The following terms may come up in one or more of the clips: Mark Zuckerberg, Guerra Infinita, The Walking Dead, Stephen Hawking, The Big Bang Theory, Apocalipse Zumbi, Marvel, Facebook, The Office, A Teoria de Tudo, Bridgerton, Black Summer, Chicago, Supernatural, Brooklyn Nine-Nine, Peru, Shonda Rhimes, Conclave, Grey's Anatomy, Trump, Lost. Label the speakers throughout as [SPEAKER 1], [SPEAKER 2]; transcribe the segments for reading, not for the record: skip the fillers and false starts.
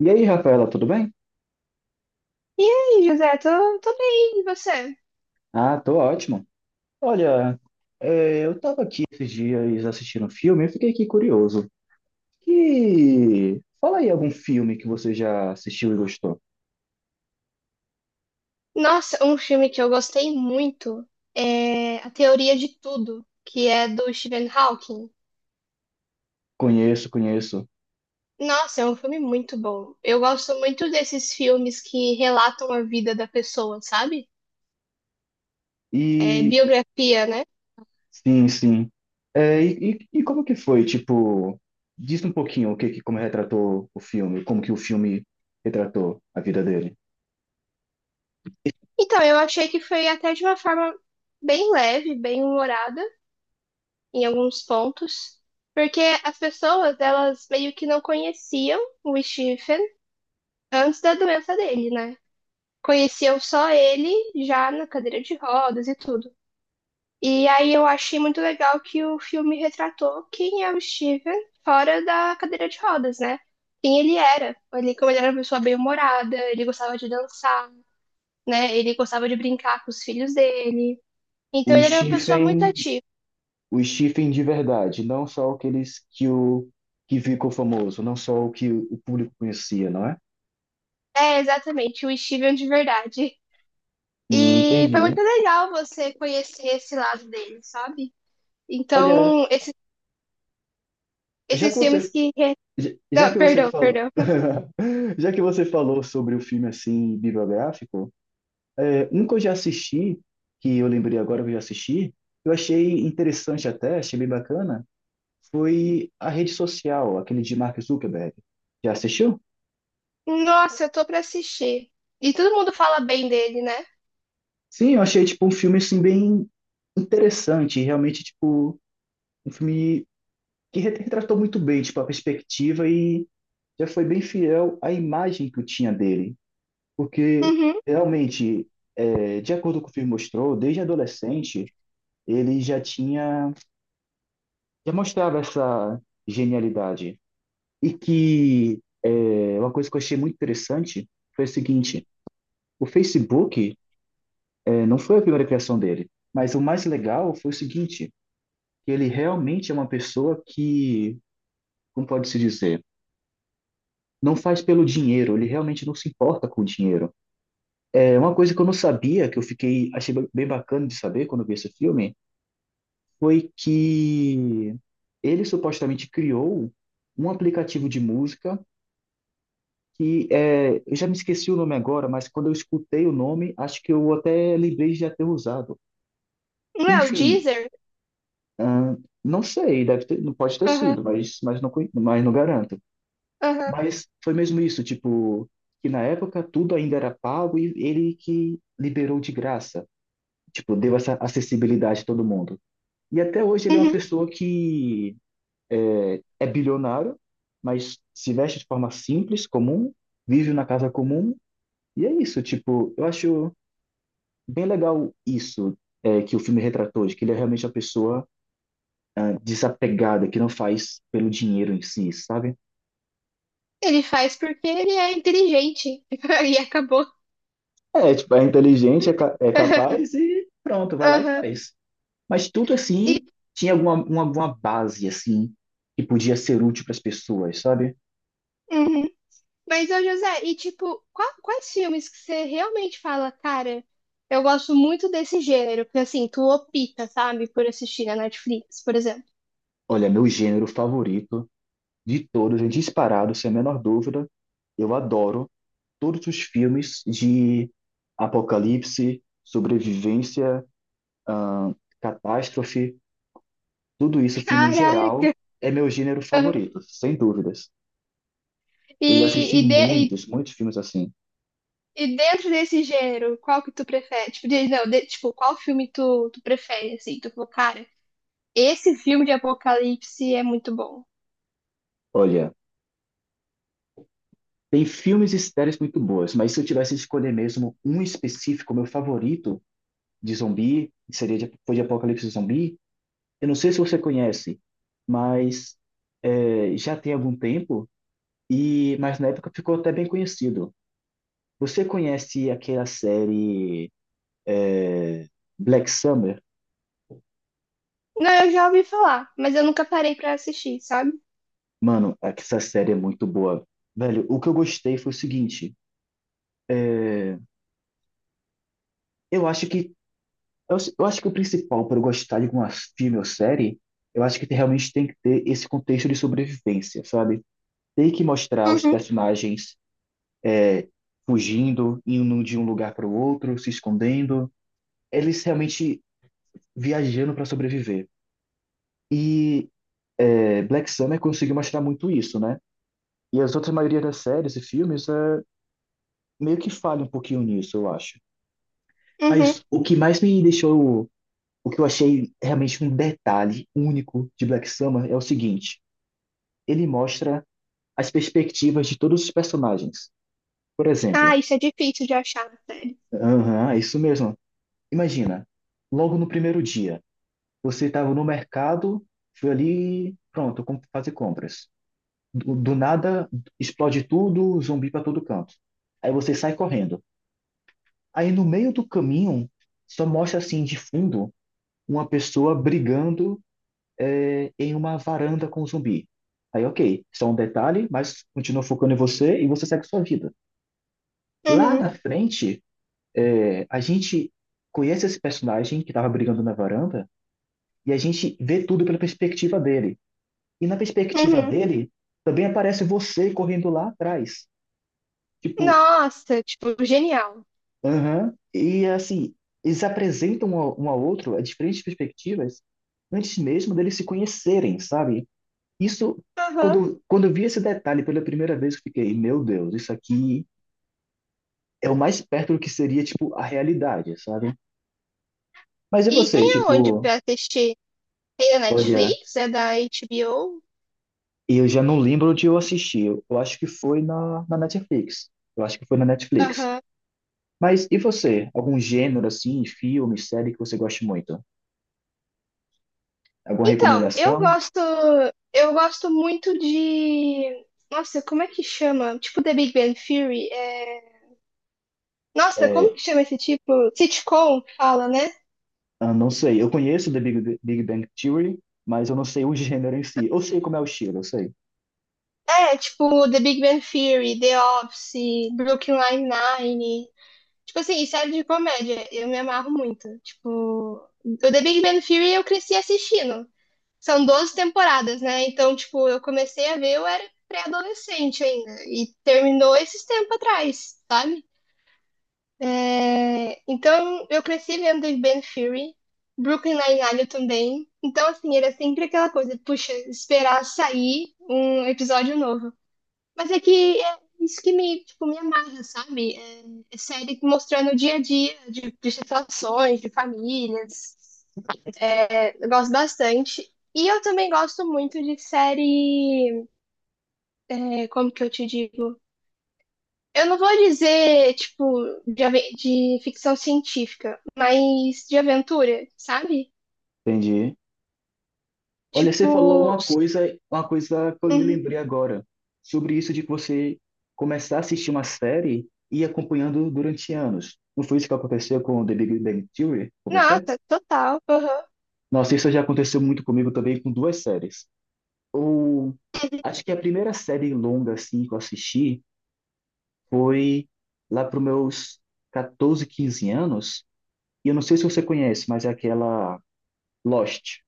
[SPEAKER 1] E aí, Rafaela, tudo bem?
[SPEAKER 2] E aí, José, tô bem, e você?
[SPEAKER 1] Ah, tô ótimo. Olha, eu tava aqui esses dias assistindo um filme e fiquei aqui curioso. Que... Fala aí algum filme que você já assistiu e gostou.
[SPEAKER 2] Nossa, um filme que eu gostei muito é A Teoria de Tudo, que é do Stephen Hawking.
[SPEAKER 1] Conheço, conheço.
[SPEAKER 2] Nossa, é um filme muito bom. Eu gosto muito desses filmes que relatam a vida da pessoa, sabe? É
[SPEAKER 1] E
[SPEAKER 2] biografia, né?
[SPEAKER 1] sim, sim. É, e como que foi? Tipo, diz um pouquinho o que como retratou o filme, como que o filme retratou a vida dele.
[SPEAKER 2] Então, eu achei que foi até de uma forma bem leve, bem humorada em alguns pontos, porque as pessoas, elas meio que não conheciam o Stephen antes da doença dele, né? Conheciam só ele já na cadeira de rodas e tudo. E aí eu achei muito legal que o filme retratou quem é o Steven fora da cadeira de rodas, né? Quem ele era. Ele, como ele era uma pessoa bem-humorada, ele gostava de dançar, né? Ele gostava de brincar com os filhos dele. Então
[SPEAKER 1] O
[SPEAKER 2] ele era uma pessoa muito
[SPEAKER 1] Stephen
[SPEAKER 2] ativa.
[SPEAKER 1] o Stephen de verdade, não só aqueles que o que ficou famoso, não só o que o público conhecia, não é?
[SPEAKER 2] É, exatamente, o Steven de verdade. E foi
[SPEAKER 1] Entendi.
[SPEAKER 2] muito legal você conhecer esse lado dele, sabe?
[SPEAKER 1] Olha,
[SPEAKER 2] Então, esse,
[SPEAKER 1] já que
[SPEAKER 2] esses filmes
[SPEAKER 1] você
[SPEAKER 2] que. Re-
[SPEAKER 1] já já
[SPEAKER 2] Não,
[SPEAKER 1] que você
[SPEAKER 2] perdão,
[SPEAKER 1] falou
[SPEAKER 2] perdão.
[SPEAKER 1] já que você falou sobre o filme assim bibliográfico, é, um que eu já assisti, que eu lembrei agora que eu já assisti, eu achei interessante até, achei bem bacana, foi A Rede Social, aquele de Mark Zuckerberg. Já assistiu?
[SPEAKER 2] Nossa, eu tô pra assistir. E todo mundo fala bem dele, né?
[SPEAKER 1] Sim, eu achei tipo um filme assim bem interessante, realmente tipo um filme que retratou muito bem, tipo, a perspectiva e já foi bem fiel à imagem que eu tinha dele. Porque,
[SPEAKER 2] Uhum.
[SPEAKER 1] realmente, é, de acordo com o que o filme mostrou, desde adolescente, ele já tinha, já mostrava essa genialidade. E que é, uma coisa que eu achei muito interessante foi o seguinte, o Facebook é, não foi a primeira criação dele, mas o mais legal foi o seguinte, que ele realmente é uma pessoa que, como pode-se dizer, não faz pelo dinheiro, ele realmente não se importa com o dinheiro. É uma coisa que eu não sabia, que eu fiquei achei bem bacana de saber quando eu vi esse filme, foi que ele supostamente criou um aplicativo de música que é, eu já me esqueci o nome agora, mas quando eu escutei o nome, acho que eu até lembrei de já ter usado.
[SPEAKER 2] Não é o
[SPEAKER 1] Enfim,
[SPEAKER 2] Deezer?
[SPEAKER 1] ahn, não sei, deve ter, não pode ter
[SPEAKER 2] Aham,
[SPEAKER 1] sido, mas, não, mas não garanto.
[SPEAKER 2] aham,
[SPEAKER 1] Mas foi mesmo isso, tipo, que na época tudo ainda era pago e ele que liberou de graça, tipo, deu essa acessibilidade a todo mundo. E até hoje ele é uma
[SPEAKER 2] uhum.
[SPEAKER 1] pessoa que é bilionário, mas se veste de forma simples, comum, vive na casa comum, e é isso, tipo, eu acho bem legal isso. É que o filme retratou, de que ele é realmente uma pessoa desapegada, que não faz pelo dinheiro em si, sabe?
[SPEAKER 2] Ele faz porque ele é inteligente. E acabou.
[SPEAKER 1] É, tipo, é inteligente, é, é capaz e pronto, vai lá e
[SPEAKER 2] Aham.
[SPEAKER 1] faz. Mas tudo
[SPEAKER 2] E,
[SPEAKER 1] assim tinha uma base assim que podia ser útil para as pessoas, sabe?
[SPEAKER 2] uhum. Mas, ô José, e tipo, quais filmes que você realmente fala, cara, eu gosto muito desse gênero? Porque assim, tu opta, sabe, por assistir na Netflix, por exemplo.
[SPEAKER 1] Olha, meu gênero favorito de todos, é disparado, sem a menor dúvida, eu adoro todos os filmes de apocalipse, sobrevivência, ahn, catástrofe, tudo isso assim no geral
[SPEAKER 2] Caraca!
[SPEAKER 1] é meu gênero
[SPEAKER 2] Aham.
[SPEAKER 1] favorito, sem dúvidas.
[SPEAKER 2] E,
[SPEAKER 1] Eu já assisti
[SPEAKER 2] e, de-
[SPEAKER 1] muitos, muitos filmes assim.
[SPEAKER 2] E dentro desse gênero, qual que tu prefere? Tipo, não, tipo, qual filme tu prefere, assim? Tu falou, cara, esse filme de apocalipse é muito bom.
[SPEAKER 1] Olha, tem filmes e séries muito boas, mas se eu tivesse que escolher mesmo um específico, meu favorito de zumbi, seria de, foi de Apocalipse Zumbi. Eu não sei se você conhece, mas é, já tem algum tempo, e mas na época ficou até bem conhecido. Você conhece aquela série Black Summer?
[SPEAKER 2] Não, eu já ouvi falar, mas eu nunca parei pra assistir, sabe?
[SPEAKER 1] Mano, essa série é muito boa. Velho, o que eu gostei foi o seguinte: eu acho que eu acho que o principal para eu gostar de uma filme ou série, eu acho que realmente tem que ter esse contexto de sobrevivência, sabe? Tem que mostrar os
[SPEAKER 2] Uhum,
[SPEAKER 1] personagens fugindo, indo de um lugar para o outro, se escondendo, eles realmente viajando para sobreviver. E é, Black Summer conseguiu mostrar muito isso, né? E as outras maioria das séries e filmes é, meio que falha um pouquinho nisso, eu acho.
[SPEAKER 2] uhum.
[SPEAKER 1] Mas o que mais me deixou, o que eu achei realmente um detalhe único de Black Summer é o seguinte: ele mostra as perspectivas de todos os personagens. Por
[SPEAKER 2] Ah,
[SPEAKER 1] exemplo,
[SPEAKER 2] isso é difícil de achar na série.
[SPEAKER 1] aham, é isso mesmo. Imagina, logo no primeiro dia, você estava no mercado, foi ali, pronto, fazer compras. Do nada, explode tudo, zumbi para todo canto. Aí você sai correndo. Aí no meio do caminho, só mostra assim de fundo uma pessoa brigando em uma varanda com um zumbi. Aí, ok, só um detalhe, mas continua focando em você e você segue sua vida. Lá
[SPEAKER 2] Uhum,
[SPEAKER 1] na frente, é, a gente conhece esse personagem que estava brigando na varanda e a gente vê tudo pela perspectiva dele. E na perspectiva
[SPEAKER 2] uhum.
[SPEAKER 1] dele, também aparece você correndo lá atrás. Tipo,
[SPEAKER 2] Nossa, tipo, genial.
[SPEAKER 1] aham. E assim, eles apresentam um ao outro a diferentes perspectivas antes mesmo deles se conhecerem, sabe? Isso,
[SPEAKER 2] Aham.
[SPEAKER 1] quando eu vi esse detalhe pela primeira vez, eu fiquei, meu Deus, isso aqui é o mais perto do que seria, tipo, a realidade, sabe? Mas e
[SPEAKER 2] E tem
[SPEAKER 1] você,
[SPEAKER 2] aonde
[SPEAKER 1] tipo.
[SPEAKER 2] pra assistir? Tem na
[SPEAKER 1] Olha,
[SPEAKER 2] Netflix? É da HBO?
[SPEAKER 1] eu já não lembro onde eu assisti. Eu acho que foi na, na Netflix. Eu acho que foi na Netflix.
[SPEAKER 2] Aham.
[SPEAKER 1] Mas e você? Algum gênero assim, filme, série que você goste muito? Alguma
[SPEAKER 2] Então,
[SPEAKER 1] recomendação?
[SPEAKER 2] eu gosto muito de, nossa, como é que chama? Tipo The Big Bang Theory, Nossa, como
[SPEAKER 1] É,
[SPEAKER 2] que chama esse tipo? Sitcom, fala, né?
[SPEAKER 1] ah, não sei. Eu conheço The Big Bang Theory, mas eu não sei o gênero em si. Eu sei como é o estilo, eu sei.
[SPEAKER 2] É, tipo The Big Bang Theory, The Office, Brooklyn Nine-Nine. Tipo assim, série de comédia, eu me amarro muito. Tipo, o The Big Bang Theory eu cresci assistindo. São 12 temporadas, né? Então, tipo, eu comecei a ver, eu era pré-adolescente ainda. E terminou esses tempos atrás, sabe? É, então, eu cresci vendo Ben Fury, Brooklyn Nine-Nine também. Então, assim, era sempre aquela coisa, puxa, esperar sair um episódio novo. Mas é que é isso que me, tipo, me amarra, sabe? É, é série mostrando o dia a dia de situações, de famílias. É, eu gosto bastante. E eu também gosto muito de série, é, como que eu te digo? Eu não vou dizer, tipo, de ficção científica, mas de aventura, sabe?
[SPEAKER 1] Entendi. Olha, você falou
[SPEAKER 2] Tipo,
[SPEAKER 1] uma coisa, uma coisa que eu me
[SPEAKER 2] uhum.
[SPEAKER 1] lembrei agora, sobre isso de que você começar a assistir uma série e ir acompanhando durante anos. Não foi isso que aconteceu com The Big Bang Theory com você?
[SPEAKER 2] Nossa, total. Aham.
[SPEAKER 1] Nossa, isso já aconteceu muito comigo também com duas séries. Ou acho que a primeira série longa assim que eu assisti foi lá para meus 14, 15 anos. E eu não sei se você conhece, mas é aquela Lost.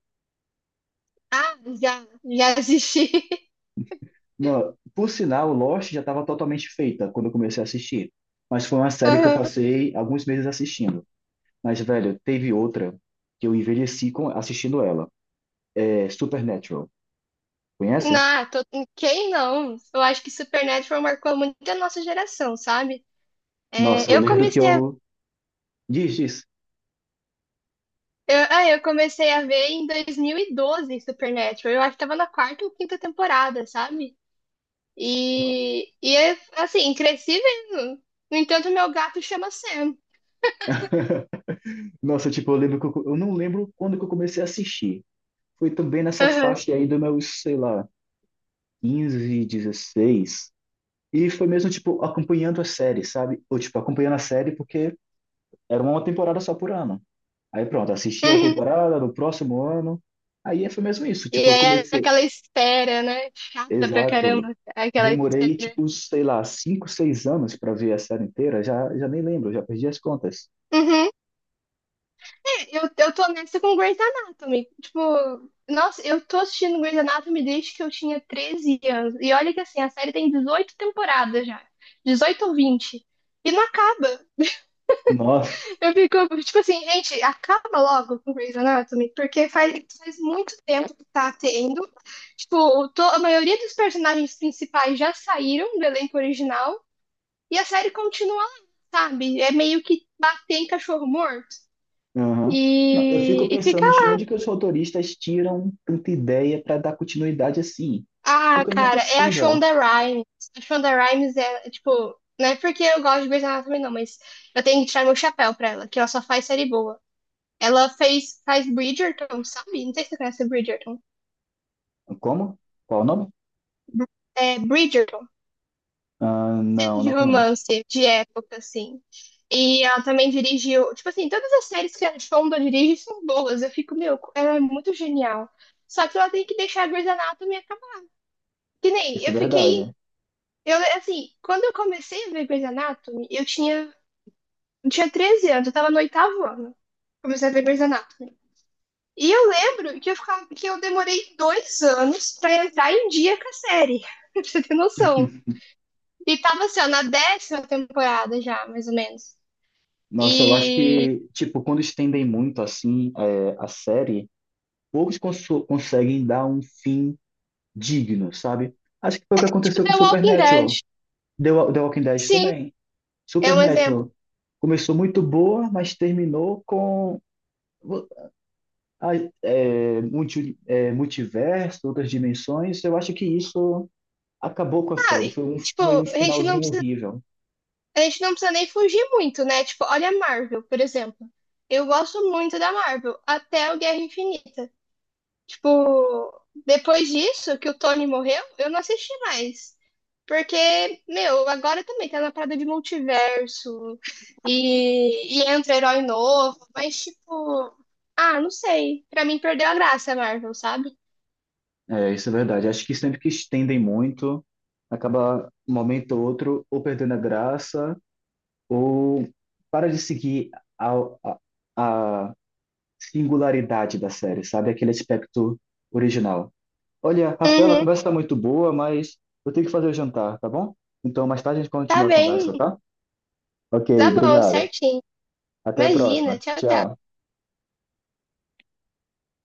[SPEAKER 2] Ah, já, já assisti.
[SPEAKER 1] Não, por sinal, Lost já estava totalmente feita quando eu comecei a assistir. Mas foi uma série que eu
[SPEAKER 2] Aham.
[SPEAKER 1] passei alguns meses assistindo. Mas, velho, teve outra que eu envelheci com, assistindo ela. É Supernatural.
[SPEAKER 2] Não,
[SPEAKER 1] Conhece?
[SPEAKER 2] quem não? Eu acho que Supernatural marcou muito a nossa geração, sabe?
[SPEAKER 1] Nossa,
[SPEAKER 2] É,
[SPEAKER 1] eu lembro que eu. Diz, diz.
[SPEAKER 2] eu comecei a ver em 2012 Supernatural. Eu acho que tava na quarta ou quinta temporada, sabe? E é, assim, cresci vendo. No entanto, meu gato chama Sam.
[SPEAKER 1] Nossa, tipo, eu lembro que eu não lembro quando que eu comecei a assistir. Foi também nessa
[SPEAKER 2] Aham.
[SPEAKER 1] faixa aí do meu, sei lá, 15, 16. E foi mesmo, tipo, acompanhando a série, sabe? Ou, tipo, acompanhando a série porque era uma temporada só por ano. Aí pronto, assisti a
[SPEAKER 2] Uhum.
[SPEAKER 1] temporada no próximo ano. Aí foi mesmo isso.
[SPEAKER 2] E
[SPEAKER 1] Tipo, eu
[SPEAKER 2] aí é
[SPEAKER 1] comecei.
[SPEAKER 2] aquela espera, né? Chata pra
[SPEAKER 1] Exato.
[SPEAKER 2] caramba, aquela
[SPEAKER 1] Demorei,
[SPEAKER 2] espera.
[SPEAKER 1] tipo, sei lá, cinco, seis anos para ver a série inteira. Já, já nem lembro, já perdi as contas.
[SPEAKER 2] Uhum. É, eu tô nessa com Grey's Anatomy. Tipo, nossa, eu tô assistindo Grey's Anatomy desde que eu tinha 13 anos. E olha que assim, a série tem 18 temporadas já. 18 ou 20. E não acaba.
[SPEAKER 1] Nossa.
[SPEAKER 2] Eu fico, tipo assim, gente, acaba logo com Grey's Anatomy, porque faz muito tempo que tá tendo. Tipo, a maioria dos personagens principais já saíram do elenco original e a série continua lá, sabe? É meio que bater em cachorro morto.
[SPEAKER 1] Aham. Não, eu fico
[SPEAKER 2] E fica
[SPEAKER 1] pensando de
[SPEAKER 2] lá.
[SPEAKER 1] onde que os roteiristas tiram tanta ideia para dar continuidade assim.
[SPEAKER 2] Ah,
[SPEAKER 1] Porque não é
[SPEAKER 2] cara, é a
[SPEAKER 1] possível.
[SPEAKER 2] Shonda Rhimes. A Shonda Rhimes é, tipo, não é porque eu gosto de Grey's Anatomy, não, mas eu tenho que tirar meu chapéu pra ela, que ela só faz série boa. Ela fez, faz Bridgerton, sabe? Não sei se você conhece Bridgerton.
[SPEAKER 1] Como? Qual o nome?
[SPEAKER 2] É, Bridgerton,
[SPEAKER 1] Ah,
[SPEAKER 2] série
[SPEAKER 1] não,
[SPEAKER 2] de
[SPEAKER 1] não conheço.
[SPEAKER 2] romance, de época, assim. E ela também dirigiu, tipo assim, todas as séries que a Fonda dirige são boas. Eu fico, meu, ela é muito genial. Só que ela tem que deixar a Grey's Anatomy acabar. Que nem,
[SPEAKER 1] Isso é verdade.
[SPEAKER 2] eu, assim, quando eu comecei a ver Grey's Anatomy, eu tinha 13 anos, eu tava no oitavo ano. Comecei a ver Grey's Anatomy. E eu lembro que que eu demorei 2 anos pra entrar em dia com a série. Pra você ter noção. E tava assim, ó, na décima temporada já, mais ou menos.
[SPEAKER 1] Nossa, eu acho
[SPEAKER 2] E,
[SPEAKER 1] que, tipo, quando estendem muito, assim, é, a série. Poucos conseguem dar um fim digno, sabe? Acho que foi o que
[SPEAKER 2] tipo,
[SPEAKER 1] aconteceu com
[SPEAKER 2] The Walking Dead.
[SPEAKER 1] Supernatural. The Walking Dead
[SPEAKER 2] Sim,
[SPEAKER 1] também.
[SPEAKER 2] é um exemplo.
[SPEAKER 1] Supernatural começou muito boa, mas terminou com a- multiverso, outras dimensões. Eu acho que isso acabou com a
[SPEAKER 2] Ah,
[SPEAKER 1] série.
[SPEAKER 2] e,
[SPEAKER 1] Foi um,
[SPEAKER 2] tipo,
[SPEAKER 1] foi um
[SPEAKER 2] a gente não
[SPEAKER 1] finalzinho
[SPEAKER 2] precisa,
[SPEAKER 1] horrível.
[SPEAKER 2] a gente não precisa nem fugir muito, né? Tipo, olha a Marvel, por exemplo. Eu gosto muito da Marvel, até o Guerra Infinita. Tipo, depois disso, que o Tony morreu, eu não assisti mais. Porque, meu, agora também tá na parada de multiverso e entra herói novo, mas tipo, ah, não sei. Pra mim perdeu a graça, Marvel, sabe?
[SPEAKER 1] É, isso é verdade. Acho que sempre que estendem muito, acaba um momento ou outro ou perdendo a graça ou para de seguir a, a, a singularidade da série, sabe? Aquele aspecto original. Olha, Rafaela, a
[SPEAKER 2] Uhum,
[SPEAKER 1] conversa está muito boa, mas eu tenho que fazer o jantar, tá bom? Então, mais tarde a gente
[SPEAKER 2] tá
[SPEAKER 1] continua a
[SPEAKER 2] bem,
[SPEAKER 1] conversa, tá? Ok,
[SPEAKER 2] tá bom,
[SPEAKER 1] obrigado.
[SPEAKER 2] certinho.
[SPEAKER 1] Até a
[SPEAKER 2] Imagina,
[SPEAKER 1] próxima.
[SPEAKER 2] tchau, tchau.
[SPEAKER 1] Tchau.